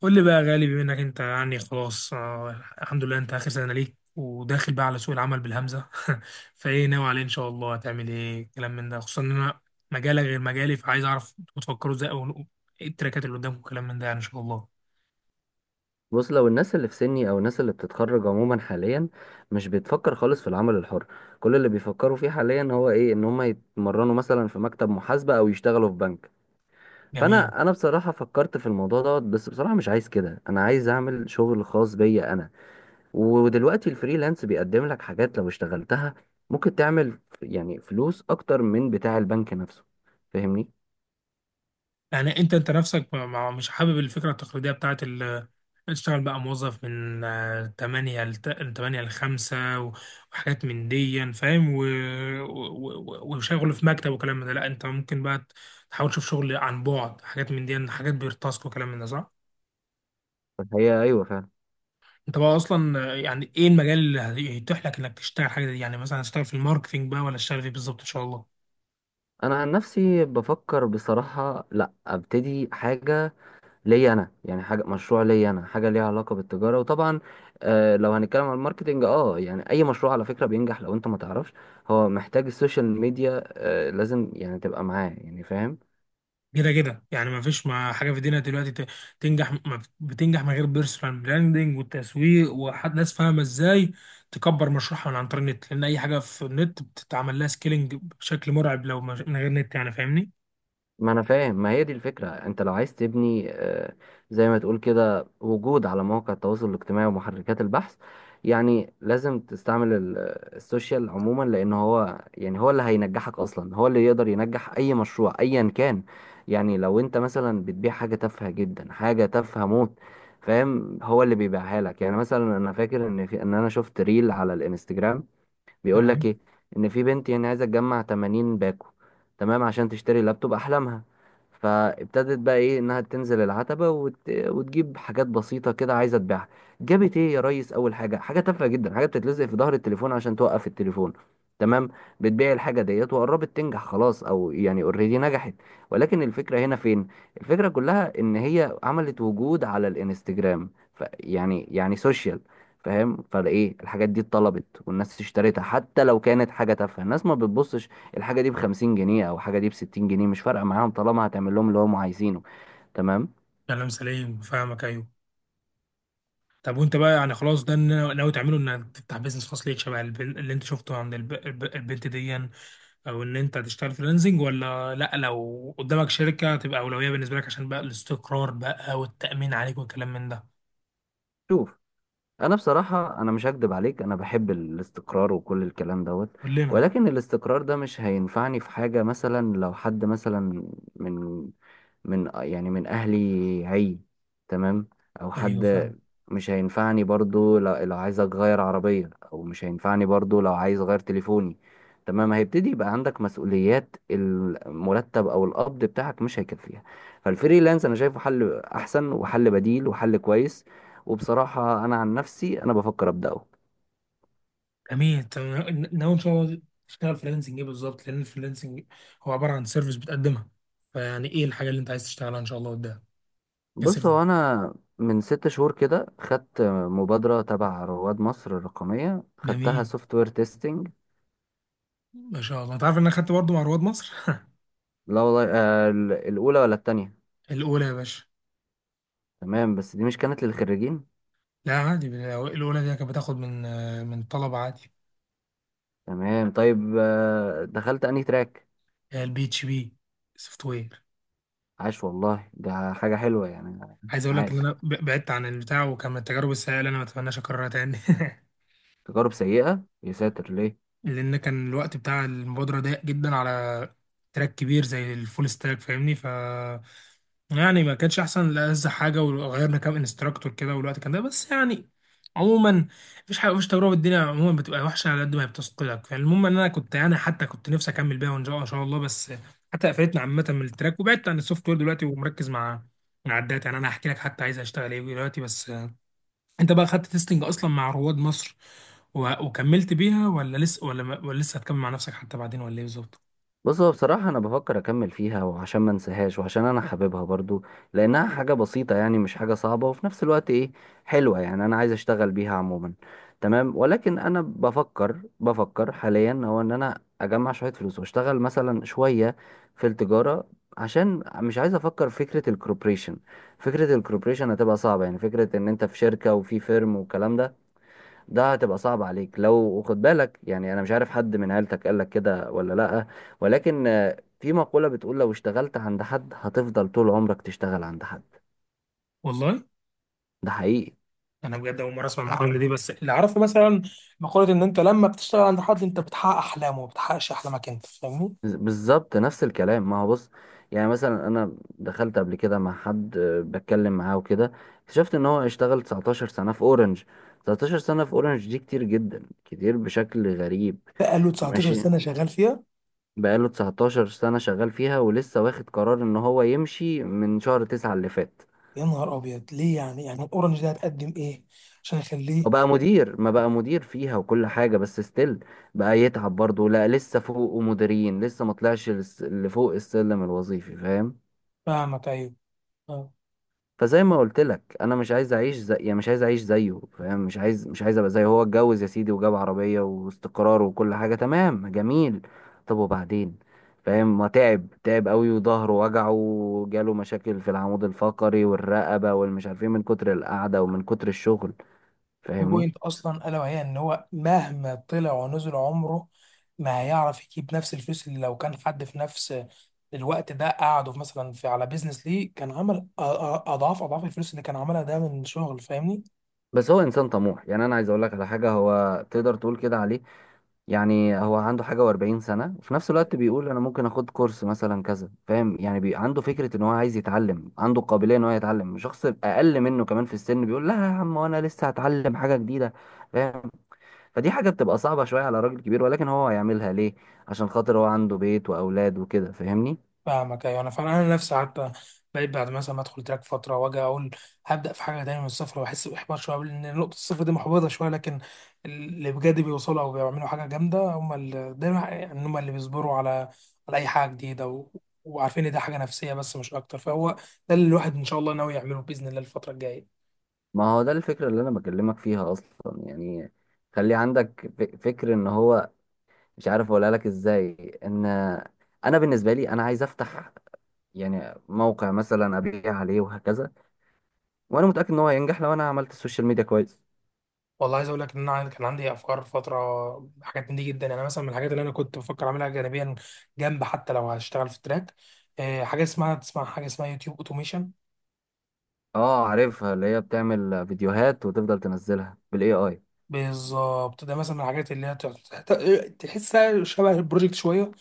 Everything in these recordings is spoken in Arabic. قول لي بقى يا غالي، بما انك انت يعني خلاص الحمد لله انت اخر سنه ليك وداخل بقى على سوق العمل بالهمزه. فايه ناوي عليه ان شاء الله؟ هتعمل ايه كلام من ده، خصوصا ان انا مجالك غير مجالي، فعايز اعرف انتوا بتفكروا ازاي او ايه التراكات اللي قدامكم كلام من ده يعني ان شاء الله. بص، لو الناس اللي في سني او الناس اللي بتتخرج عموما حاليا مش بتفكر خالص في العمل الحر. كل اللي بيفكروا فيه حاليا هو ايه؟ ان هم يتمرنوا مثلا في مكتب محاسبة او يشتغلوا في بنك. جميل. فانا بصراحة فكرت في الموضوع دوت، بس بصراحة مش عايز كده، انا عايز اعمل شغل خاص بيا انا. ودلوقتي الفريلانس بيقدم لك حاجات لو اشتغلتها ممكن تعمل فلوس اكتر من بتاع البنك نفسه، فاهمني؟ يعني انت نفسك مش حابب الفكره التقليديه بتاعت تشتغل بقى موظف من 8 ل 8 ل 5 وحاجات من دي يعني، فاهم وشغل في مكتب وكلام من ده. لا انت ممكن بقى تحاول تشوف شغل عن بعد، حاجات من دي يعني، حاجات بيرتاسك وكلام من ده، صح؟ فهي ايوه فعلا. انت بقى اصلا يعني ايه المجال اللي هيتيح لك انك تشتغل حاجه دي يعني؟ مثلا هتشتغل في الماركتينج بقى ولا تشتغل فيه بالظبط ان شاء الله؟ انا عن نفسي بفكر بصراحة لا ابتدي حاجة ليا انا، يعني حاجه مشروع ليا انا، حاجه ليها علاقه بالتجاره. وطبعا آه لو هنتكلم عن الماركتنج، يعني اي مشروع على فكره بينجح لو انت ما تعرفش، هو محتاج السوشيال ميديا، لازم يعني تبقى معاه، يعني فاهم؟ كده كده يعني ما فيش ما حاجه في الدنيا دلوقتي تنجح ما بتنجح من غير بيرسونال براندنج والتسويق، وحد ناس فاهمه ازاي تكبر مشروعها من عن طريق النت، لان اي حاجه في النت بتتعمل لها سكيلينج بشكل مرعب لو من غير نت يعني، فاهمني. ما انا فاهم، ما هي دي الفكرة. انت لو عايز تبني زي ما تقول كده وجود على مواقع التواصل الاجتماعي ومحركات البحث، يعني لازم تستعمل السوشيال عموما، لان هو يعني هو اللي هينجحك اصلا، هو اللي يقدر ينجح اي مشروع ايا كان. يعني لو انت مثلا بتبيع حاجة تافهة جدا، حاجة تافهة موت، فاهم؟ هو اللي بيبيعها لك. يعني مثلا انا فاكر ان في ان انا شفت ريل على الانستجرام بيقول لك تمام، ايه؟ ان في بنت يعني عايزه تجمع 80 باكو، تمام؟ عشان تشتري لابتوب احلامها. فابتدت بقى ايه؟ انها تنزل العتبه وتجيب حاجات بسيطه كده عايزه تبيعها. جابت ايه يا ريس؟ اول حاجه، حاجه تافهه جدا، حاجه بتتلزق في ظهر التليفون عشان توقف التليفون، تمام؟ بتبيع الحاجه ديت وقربت تنجح، خلاص، او يعني اوريدي نجحت. ولكن الفكره هنا فين؟ الفكره كلها ان هي عملت وجود على الانستجرام، ف... يعني يعني سوشيال، فاهم؟ فالايه، الحاجات دي اتطلبت والناس اشتريتها حتى لو كانت حاجه تافهه. الناس ما بتبصش الحاجه دي ب 50 جنيه او حاجه دي ب 60 جنيه، مش فارقه معاهم طالما هتعمل لهم اللي هم عايزينه، تمام. كلام سليم، فاهمك، ايوه. طب وانت بقى يعني خلاص ده اللي ناوي تعمله؟ انك تفتح بيزنس خاص ليك شبه اللي انت شفته عند البنت دي يعني، او ان انت تشتغل فريلانسنج؟ ولا لا، لو قدامك شركه تبقى اولويه بالنسبه لك عشان بقى الاستقرار بقى والتامين عليك والكلام من ده؟ شوف، انا بصراحة انا مش هكدب عليك، انا بحب الاستقرار وكل الكلام دوت، كلنا. ولكن الاستقرار ده مش هينفعني في حاجة. مثلا لو حد مثلا من من يعني من اهلي عي تمام، او ايوه، حد، فاهم. مش هينفعني برضو لو عايز اغير عربية، او مش هينفعني برضو لو عايز اغير تليفوني، تمام؟ هيبتدي يبقى عندك مسؤوليات، المرتب او القبض بتاعك مش هيكفيها. فالفريلانس انا شايفه حل احسن وحل بديل وحل كويس. وبصراحة أنا عن نفسي أنا بفكر أبدأه. جميل، تمام. ناوي ان شاء الله تشتغل فريلانسنج ايه بالظبط؟ لان الفريلانسنج هو عباره عن سيرفيس بتقدمها، فيعني ايه الحاجه اللي انت عايز تشتغلها ان شاء الله قدام بص، كسيرفيس؟ هو أنا من ست شهور كده خدت مبادرة تبع رواد مصر الرقمية، خدتها جميل، سوفت وير تيستنج. ما شاء الله. انت عارف ان انا خدت برضه مع رواد مصر؟ لا والله، آه الأولى ولا التانية؟ الاولى يا باشا. تمام، بس دي مش كانت للخريجين؟ لا عادي، الاولى دي كانت بتاخد من طلبه عادي. تمام، طيب آه دخلت أنهي تراك؟ البي اتش بي سوفت وير. عاش والله، ده حاجة حلوة يعني. عايز اقول لك ان عاش، انا بعدت عن البتاع، وكان من التجارب السيئه اللي انا ما اتمناش اكررها تاني. تجارب سيئة يساتر، ليه؟ لان كان الوقت بتاع المبادره ضيق جدا على تراك كبير زي الفول ستاك، فاهمني؟ ف يعني ما كانش احسن لألذ حاجه، وغيرنا كام انستراكتور كده، والوقت كان ده بس يعني. عموما مفيش حاجه، مفيش تجربه في الدنيا عموما بتبقى وحشه على قد ما هي بتثقلك. فالمهم ان انا كنت يعني، حتى كنت نفسي اكمل بيها وان شاء إن شاء الله، بس حتى قفلتنا عامه من التراك، وبعدت عن السوفت وير دلوقتي، ومركز مع الداتا. يعني انا هحكي لك حتى عايز اشتغل ايه دلوقتي، بس انت بقى خدت تيستنج اصلا مع رواد مصر وكملت بيها، ولا لسه، ولا، ما... ولا لسه هتكمل مع نفسك حتى بعدين، ولا ايه بالظبط؟ بص، هو بصراحة أنا بفكر أكمل فيها، وعشان ما انساهاش، وعشان أنا حاببها برضو، لأنها حاجة بسيطة يعني، مش حاجة صعبة، وفي نفس الوقت إيه؟ حلوة. يعني أنا عايز أشتغل بيها عموما، تمام. ولكن أنا بفكر حاليا هو إن أنا أجمع شوية فلوس وأشتغل مثلا شوية في التجارة، عشان مش عايز أفكر في فكرة الكوربريشن. فكرة الكوربريشن هتبقى صعبة، يعني فكرة إن أنت في شركة وفي فيرم والكلام ده، ده هتبقى صعب عليك لو خد بالك. يعني انا مش عارف حد من عيلتك قال لك كده ولا لا، ولكن آه، في مقولة بتقول لو اشتغلت عند حد هتفضل طول عمرك تشتغل عند حد. والله ده حقيقي. انا بجد اول مره اسمع المقوله دي، بس اللي اعرفه مثلا مقوله ان انت لما بتشتغل عند حد انت بتحقق احلامه، ما بتحققش احلامك انت، فاهمني؟ بالظبط نفس الكلام. ما هو بص، يعني مثلا انا دخلت قبل كده مع حد، آه، بتكلم معاه وكده، اكتشفت ان هو اشتغل 19 سنة في اورنج. 19 سنة في اورنج دي كتير جدا، كتير بشكل غريب. بقاله 19 ماشي، سنه شغال فيها. بقاله 19 سنة شغال فيها ولسه واخد قرار ان هو يمشي من شهر 9 اللي فات. يا نهار ابيض، ليه يعني؟ يعني الاورنج ده هتقدم ايه عشان يخليه؟ هو بقى مدير، ما بقى مدير فيها وكل حاجة، بس ستيل بقى يتعب برضه. لا لسه فوق مديرين، لسه ما طلعش لفوق السلم الوظيفي، فاهم؟ فاهمك، ايوه. فزي ما قلت لك، انا مش عايز اعيش زي، يعني مش عايز اعيش زيه، فاهم؟ مش عايز ابقى زيه. هو اتجوز يا سيدي وجاب عربية واستقرار وكل حاجة، تمام جميل، طب وبعدين؟ فاهم؟ ما تعب، تعب قوي، وظهره وجعه وجاله مشاكل في العمود الفقري والرقبة والمش عارفين، من كتر القعدة ومن كتر الشغل، في فاهمني؟ بوينت اصلا الا وهي ان هو مهما طلع ونزل عمره ما هيعرف يجيب نفس الفلوس اللي لو كان حد في نفس الوقت ده قعده في مثلا في على بيزنس ليه، كان عمل اضعاف اضعاف الفلوس اللي كان عملها ده من شغل، فاهمني؟ بس هو انسان طموح، يعني انا عايز اقول لك على حاجة، هو تقدر تقول كده عليه. يعني هو عنده حاجة وأربعين سنة وفي نفس الوقت بيقول أنا ممكن أخد كورس مثلا كذا، فاهم؟ يعني عنده فكرة إن هو عايز يتعلم، عنده قابلية إن هو يتعلم شخص أقل منه كمان في السن، بيقول لا يا عم وأنا لسه هتعلم حاجة جديدة، فاهم؟ فدي حاجة بتبقى صعبة شوية على راجل كبير، ولكن هو هيعملها ليه؟ عشان خاطر هو عنده بيت وأولاد وكده، فاهمني؟ فاهمك، ايوه. انا فعلا انا نفسي حتى بقيت بعد مثلا ما ادخل تراك فتره واجي اقول هبدا في حاجه تانية من الصفر، واحس باحباط شويه لان نقطه الصفر دي محبطه شويه. لكن اللي بجد بيوصلوا او بيعملوا حاجه جامده هم اللي دايما يعني، هم اللي بيصبروا على اي حاجه جديده، وعارفين ان ده حاجه نفسيه بس مش اكتر. فهو ده اللي الواحد ان شاء الله ناوي يعمله باذن الله الفتره الجايه. ما هو ده الفكرة اللي أنا بكلمك فيها أصلا يعني. خلي عندك فكر إن هو، مش عارف أقولها لك إزاي، إن أنا بالنسبة لي أنا عايز أفتح يعني موقع مثلا ابيع عليه وهكذا، وانا متاكد ان هو هينجح لو انا عملت السوشيال ميديا كويس. والله عايز اقول لك ان انا كان عندي افكار فتره، حاجات من دي جدا يعني، مثلا من الحاجات اللي انا كنت بفكر اعملها جانبيا جنب حتى لو هشتغل في التراك، حاجه اسمها، تسمع حاجه اسمها يوتيوب اوتوميشن؟ اه عارفها، اللي هي بتعمل فيديوهات وتفضل تنزلها بالاي اي. بالظبط، ده مثلا من الحاجات اللي هي تحسها شبه البروجكت شويه،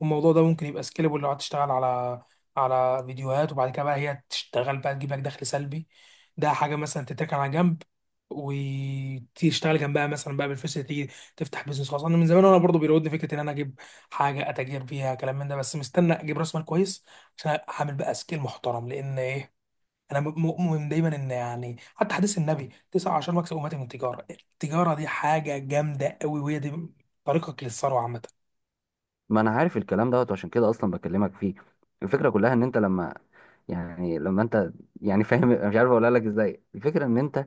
والموضوع ده ممكن يبقى سكيلبل لو هتشتغل على فيديوهات، وبعد كده بقى هي تشتغل بقى تجيب لك دخل سلبي. ده حاجه مثلا تتركن على جنب، وتشتغل جنبها مثلا بقى بالفلوس اللي تيجي تفتح بيزنس خاص. انا من زمان وانا برضو بيراودني فكره ان انا اجيب حاجه اتاجر فيها كلام من ده، بس مستني اجيب راس مال كويس عشان اعمل بقى سكيل محترم. لان ايه، انا مؤمن دايما ان يعني، حتى حديث النبي تسعة عشر مكسب امتي من التجاره. التجاره دي حاجه جامده قوي، وهي دي طريقك للثروه عامه. ما انا عارف الكلام دوت، وعشان كده اصلا بكلمك فيه. الفكره كلها ان انت لما، يعني لما انت يعني فاهم؟ مش عارف اقولها لك ازاي. الفكره ان انت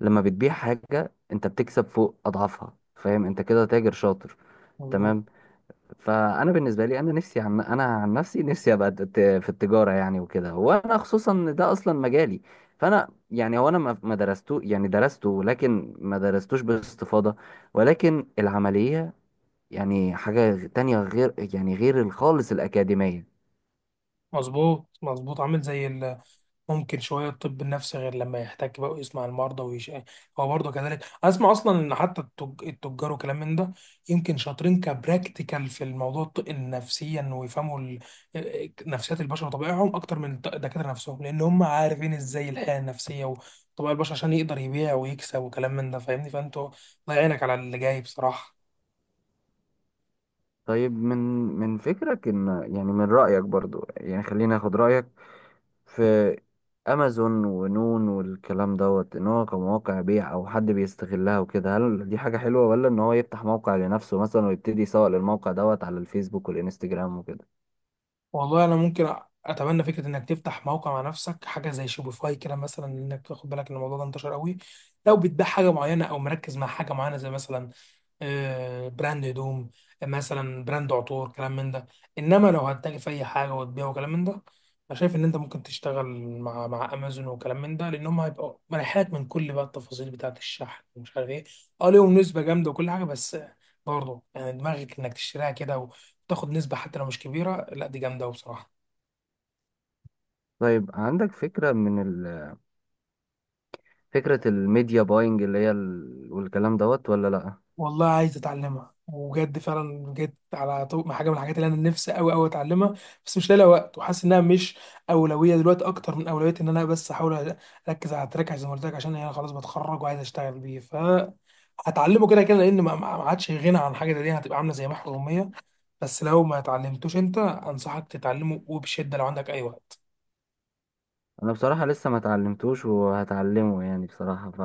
لما بتبيع حاجه انت بتكسب فوق اضعافها، فاهم؟ انت كده تاجر شاطر، مظبوط، تمام؟ فانا بالنسبه لي انا نفسي، عن انا عن نفسي نفسي ابقى في التجاره يعني وكده، وانا خصوصا إن ده اصلا مجالي. فانا يعني، هو انا ما درسته، يعني درسته لكن ما درستوش باستفاضه، ولكن العمليه يعني حاجه تانية غير يعني غير خالص الاكاديميه. مظبوط، مظبوط، عامل زي ال ممكن شوية الطب النفسي، غير لما يحتك بقى ويسمع المرضى ويش. هو برضه كذلك، أسمع أصلا إن حتى التجار وكلام من ده يمكن شاطرين كبراكتيكال في الموضوع النفسيا، ويفهموا نفسيات البشر وطبائعهم أكتر من الدكاترة نفسهم، لأن هم عارفين إزاي الحياة النفسية وطبائع البشر، عشان يقدر يبيع ويكسب وكلام من ده، فاهمني؟ فأنتوا الله يعينك على اللي جاي بصراحة. طيب، من فكرك ان، يعني من رايك برضو، يعني خليني اخد رايك في امازون ونون والكلام دوت، ان هو كمواقع بيع او حد بيستغلها وكده، هل دي حاجة حلوة، ولا ان هو يفتح موقع لنفسه مثلا ويبتدي يسوق للموقع دوت على الفيسبوك والانستجرام وكده؟ والله انا ممكن اتبنى فكره انك تفتح موقع مع نفسك حاجه زي شوبيفاي كده، مثلا انك تاخد بالك ان الموضوع ده انتشر قوي لو بتبيع حاجه معينه، او مركز مع حاجه معينه زي مثلا براند هدوم، مثلا براند عطور كلام من ده. انما لو هتتاجر في اي حاجه وتبيع وكلام من ده، انا شايف ان انت ممكن تشتغل مع امازون وكلام من ده، لان هم هيبقوا مريحات من كل بقى التفاصيل بتاعه الشحن ومش عارف ايه. اه ليهم نسبه جامده وكل حاجه، بس برضه يعني دماغك انك تشتريها كده، تاخد نسبة حتى لو مش كبيرة، لا دي جامدة أوي بصراحة. طيب عندك فكرة من فكرة الميديا باينج اللي هي والكلام دوت، ولا لا؟ والله عايز أتعلمها وبجد، فعلا جيت على مع حاجة من الحاجات اللي أنا نفسي أوي أوي أتعلمها، بس مش لاقي لها وقت، وحاسس إنها مش أولوية دلوقتي أكتر من أولوية إن أنا بس أحاول أركز على التراك زي ما قلت لك، عشان أنا خلاص بتخرج وعايز أشتغل بيه. ف هتعلمه كده كده، لأن ما عادش غنى عن حاجة زي دي، هتبقى عاملة زي محو أمية. بس لو ما اتعلمتوش أنت، أنصحك تتعلمه وبشدة لو عندك أي وقت. انا بصراحة لسه ما اتعلمتوش وهتعلمه يعني، بصراحة، ف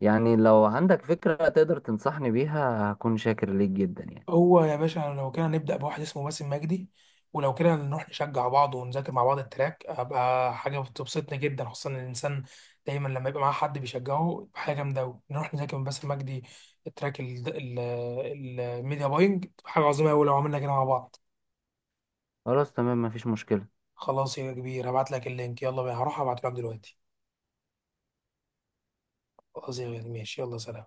يعني لو عندك فكرة تقدر تنصحني بيها هكون شاكر ليك جدا يعني. هو يا باشا لو كده نبدأ بواحد اسمه باسم مجدي، ولو كده نروح نشجع بعض ونذاكر مع بعض التراك، هبقى حاجة بتبسطني جدا، خصوصا إن الإنسان دايما لما يبقى معاه حد بيشجعه يبقى حاجة جامدة أوي. نروح نذاكر من باسم مجدي التراك الميديا باينج، تبقى حاجة عظيمة أوي لو عملنا كده مع بعض. خلاص تمام، مفيش مشكلة. خلاص يا كبير، هبعت لك اللينك، يلا بينا، هروح ابعته لك دلوقتي. خلاص يا غالي، ماشي، يلا سلام.